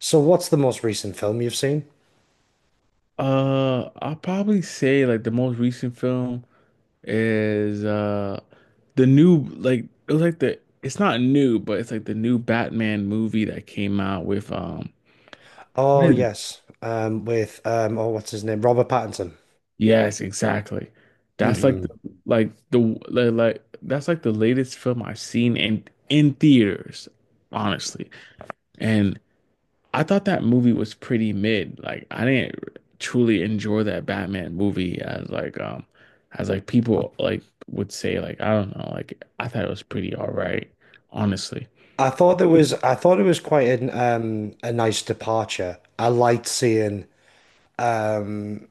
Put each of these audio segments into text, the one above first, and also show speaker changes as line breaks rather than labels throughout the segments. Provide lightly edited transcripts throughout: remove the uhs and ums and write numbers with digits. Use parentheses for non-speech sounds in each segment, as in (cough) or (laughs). So what's the most recent film you've seen?
I'll probably say like the most recent film is the new like it was like the it's not new but it's like the new Batman movie that came out with what
Oh
is it?
yes, with oh what's his name, Robert Pattinson.
Yes, exactly. That's like the
Hmm
like the like that's like the latest film I've seen in theaters, honestly. And I thought that movie was pretty mid. Like I didn't truly enjoy that Batman movie as like people like would say like I don't know like I thought it was pretty all right honestly.
I thought I thought it was quite an a nice departure. I liked seeing um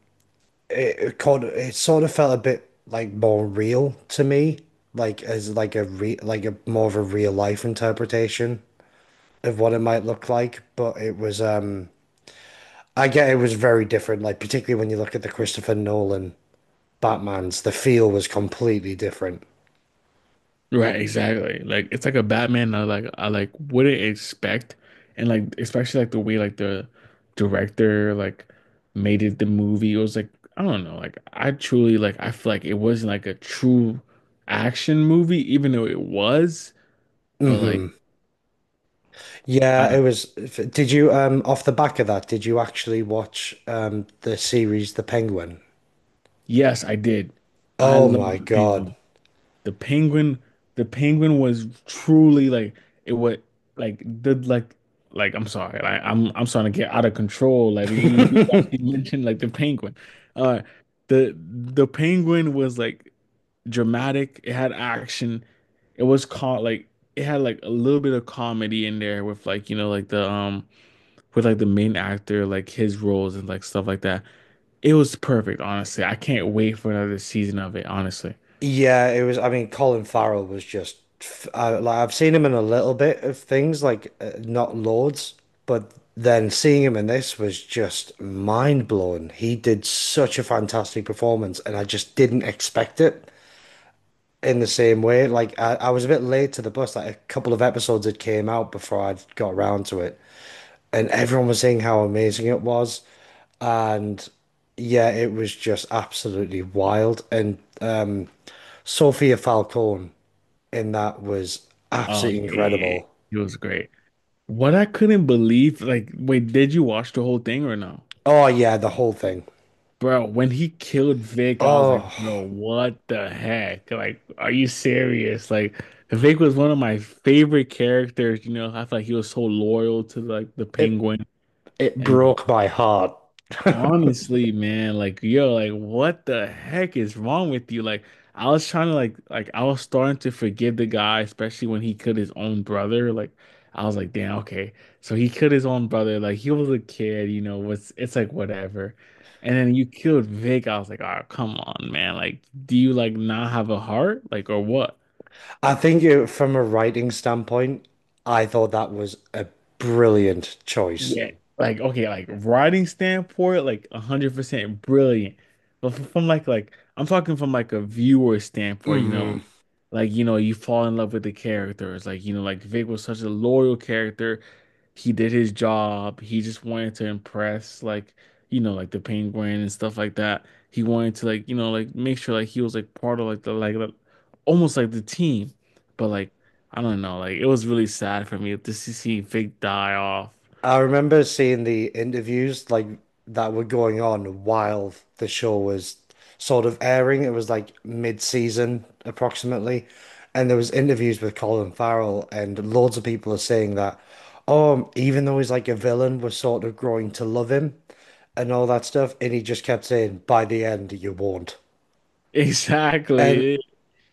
it caught, it sort of felt a bit like more real to me, like as like a re like a more of a real life interpretation of what it might look like. But it was I get it was very different, like particularly when you look at the Christopher Nolan Batmans. The feel was completely different.
Right, exactly. Like it's like a Batman I like wouldn't expect and like especially like the way like the director like made it the movie. It was like I don't know like I truly like I feel like it wasn't like a true action movie even though it was but like.
Hmm
I
Yeah, it was. Did you off the back of that, did you actually watch the series The Penguin?
Yes, I did. I
Oh
love
my
the
God.
penguin. The penguin, the penguin was truly like it was like the like I'm sorry, like I'm starting to get out of control. Like you
(laughs)
actually mentioned like the penguin. Uh the penguin was like dramatic. It had action. It was caught like it had like a little bit of comedy in there with like you know like the with like the main actor like his roles and like stuff like that. It was perfect, honestly. I can't wait for another season of it, honestly.
Yeah, it was. I mean, Colin Farrell was just like I've seen him in a little bit of things, like not loads, but then seeing him in this was just mind blowing. He did such a fantastic performance, and I just didn't expect it in the same way. Like I was a bit late to the bus. Like a couple of episodes had came out before I'd got around to it, and everyone was saying how amazing it was. And yeah, it was just absolutely wild. And Sofia Falcone in that was
Oh,
absolutely
yeah, yeah, yeah.
incredible.
It was great. What I couldn't believe, like, wait, did you watch the whole thing or no?
Oh yeah, the whole thing.
Bro, when he killed Vic, I was like,
Oh,
bro, what the heck? Like, are you serious? Like, Vic was one of my favorite characters, you know. I felt like he was so loyal to like the
it
Penguin
it
and
broke my heart.
Honestly, man, like yo, like what the heck is wrong with you? Like I was trying to like I was starting to forgive the guy, especially when he killed his own brother. Like I was like, damn, okay. So he killed his own brother. Like he was a kid, you know, was it's like whatever. And then you killed Vic. I was like, oh, come on, man. Like, do you like not have a heart? Like, or what?
I think from a writing standpoint, I thought that was a brilliant choice.
Yeah. Like, okay, like writing standpoint, like 100% brilliant. But from like I'm talking from like a viewer standpoint, you know,
Mm.
like you know you fall in love with the characters like you know like Vic was such a loyal character he did his job he just wanted to impress like you know like the Penguin and stuff like that he wanted to like you know like make sure like he was like part of like the like the, almost like the team but like I don't know like it was really sad for me to see Vic die off
I remember seeing the interviews like that were going on while the show was sort of airing. It was like mid-season approximately. And there was interviews with Colin Farrell and loads of people are saying that, oh, even though he's like a villain, we're sort of growing to love him and all that stuff. And he just kept saying, by the end, you won't.
(laughs)
And
exactly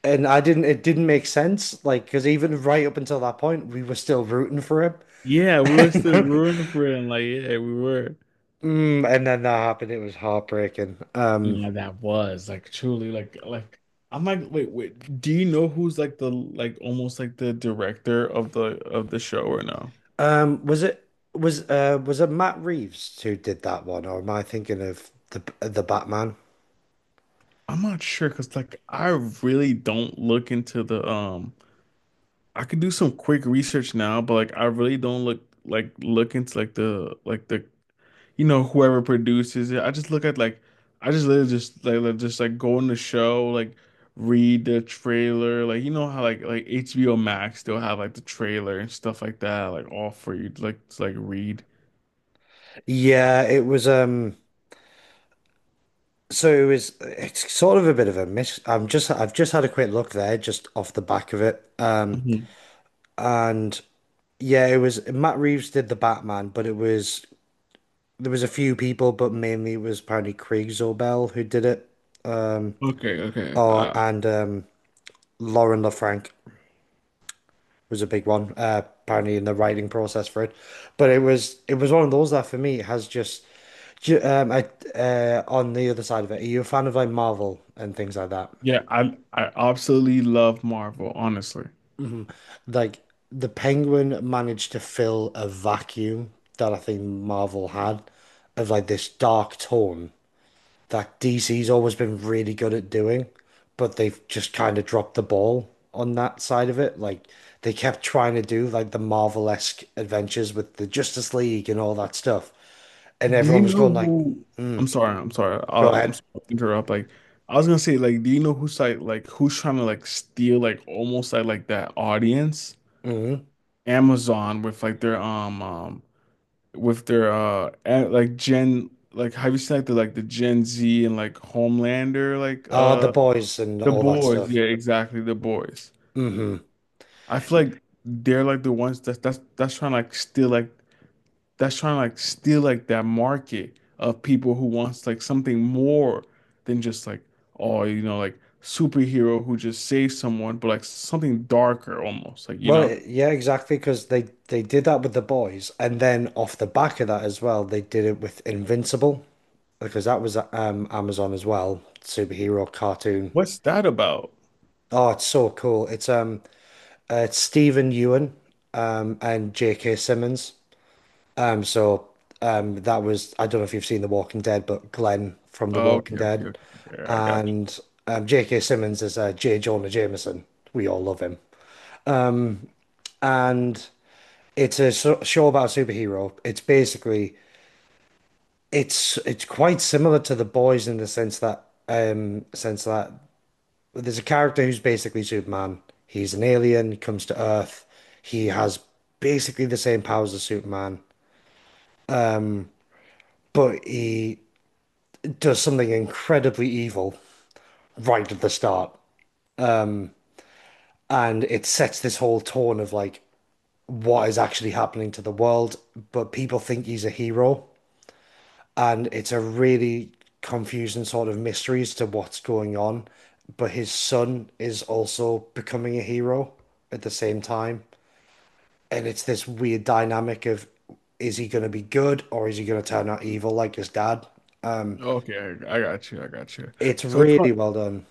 and I didn't it didn't make sense, like because even right up until that point, we were still rooting for him.
yeah we were still
(laughs)
rooting for him like yeah we were
And then that happened. It was heartbreaking.
Yeah, that was like truly like I'm like wait, do you know who's like the like almost like the director of the show or no?
Was it was it Matt Reeves who did that one, or am I thinking of the Batman?
I'm not sure because like I really don't look into the I could do some quick research now but like I really don't look like look into like the you know, whoever produces it. I just look at like I just literally just like, just like go on the show, like read the trailer. Like you know how like HBO Max still have like the trailer and stuff like that, like all for you to, like read.
Yeah, it was. It's sort of a bit of a miss. I've just had a quick look there, just off the back of it,
Mhm.
and yeah, it was Matt Reeves did the Batman, but it was there was a few people, but mainly it was apparently Craig Zobel who did it,
Okay, okay.
or and Lauren LaFranc was a big one, apparently in the writing process for it. But it was one of those that for me has just ju- I on the other side of it, are you a fan of like Marvel and things like that?
Yeah, I absolutely love Marvel, honestly.
Like the Penguin managed to fill a vacuum that I think Marvel had, of like this dark tone that DC's always been really good at doing, but they've just kind of dropped the ball on that side of it. Like they kept trying to do like the Marvel-esque adventures with the Justice League and all that stuff, and
Do you
everyone was
know
going like,
who? I'm sorry,
"Go
I'm sorry
ahead,
to interrupt. Like, I was gonna say, like, do you know who's like, who's trying to like steal, like, almost like that audience?
hmm
Amazon with like their with their like Gen like have you seen like the Gen Z and like Homelander like
oh the boys and
The
all that
Boys.
stuff."
Yeah, exactly, The Boys.
hmm
I feel like they're like the ones that that's trying to like steal like that's trying to like steal like that market of people who wants like something more than just like oh you know like superhero who just saves someone but like something darker almost like you
Well,
know
yeah, exactly, because they did that with the boys, and then off the back of that as well, they did it with Invincible, because that was Amazon as well, superhero cartoon.
what's that about?
Oh, it's so cool. It's Stephen Ewan and J.K. Simmons. Um so that was, I don't know if you've seen The Walking Dead, but Glenn from The
Oh,
Walking
okay, okay,
Dead.
okay. Okay, I got
And J.K. Simmons is J. Jonah Jameson. We all love him. And it's a show about a superhero. It's basically it's quite similar to The Boys in the sense that there's a character who's basically Superman. He's an alien, comes to Earth. He has basically the same powers as Superman, but he does something incredibly evil right at the start. And it sets this whole tone of like what is actually happening to the world, but people think he's a hero. And it's a really confusing sort of mystery as to what's going on. But his son is also becoming a hero at the same time. And it's this weird dynamic of, is he going to be good or is he going to turn out evil like his dad? Um,
you. Okay, I got you. I got you.
it's
So it's
really
kind-
well done.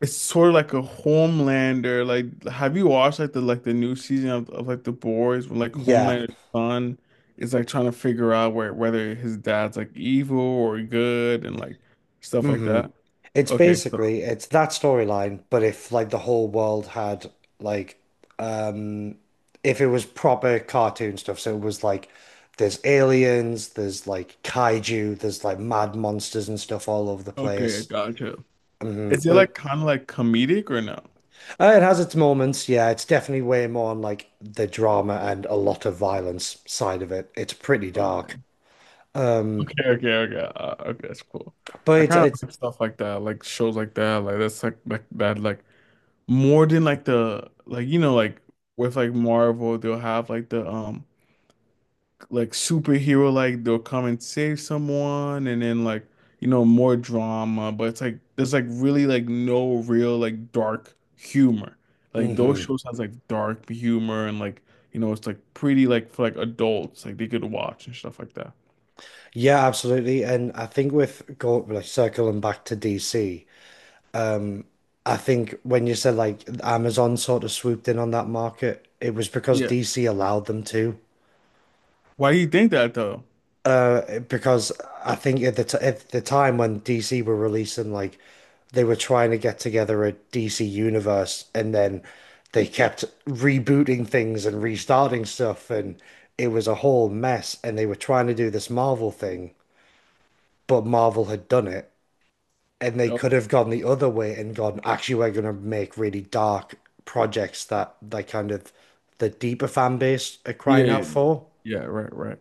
it's sort of like a Homelander. Like, have you watched like the new season of like The Boys when like
Yeah.
Homelander's son is like trying to figure out where whether his dad's like evil or good and like stuff like
hmm
that?
It's
Okay, so-
basically it's that storyline, but if like the whole world had like um if it was proper cartoon stuff, so it was like there's aliens, there's like kaiju, there's like mad monsters and stuff all over the
okay, I
place.
got you.
Hmm
Is it
But
like
it,
kind of like comedic or no?
It has its moments. Yeah, it's definitely way more on like the drama and a lot of violence side of it. It's pretty dark,
Okay,
Mm.
okay, okay, okay. Okay, that's cool.
but
I kind of
it's
like stuff like that, like shows like that, like that's like that, like more than like the like you know like with like Marvel they'll have like the like superhero like they'll come and save someone and then like you know more drama but it's like there's like really like no real like dark humor like those
mhm.
shows has like dark humor and like you know it's like pretty like for like adults like they could watch and stuff like that
Yeah, absolutely. And I think with go like circling back to DC, I think when you said like Amazon sort of swooped in on that market, it was because
Yeah.
DC allowed them to,
Why do you think that though?
because I think at the t at the time when DC were releasing, like they were trying to get together a DC universe, and then they kept rebooting things and restarting stuff, and it was a whole mess. And they were trying to do this Marvel thing, but Marvel had done it, and they
Oh,
could have gone the other way and gone, actually, we're going to make really dark projects that kind of the deeper fan base are
yeah,
crying
yeah,
out
yeah.
for.
Yeah, right, right.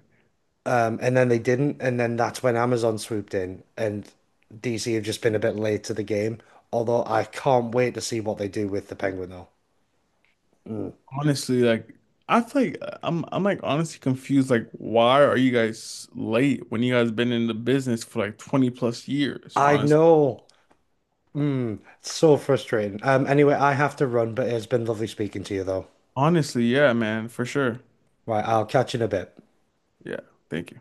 And then they didn't, and then that's when Amazon swooped in, and DC have just been a bit late to the game. Although I can't wait to see what they do with the Penguin, though. Mm.
Honestly, like I feel like I'm like honestly confused. Like, why are you guys late when you guys been in the business for like 20 plus years?
I
Honest,
know. Mm, it's so frustrating. Anyway, I have to run, but it's been lovely speaking to you, though.
honestly, yeah, man, for sure.
Right, I'll catch you in a bit.
Yeah, thank you.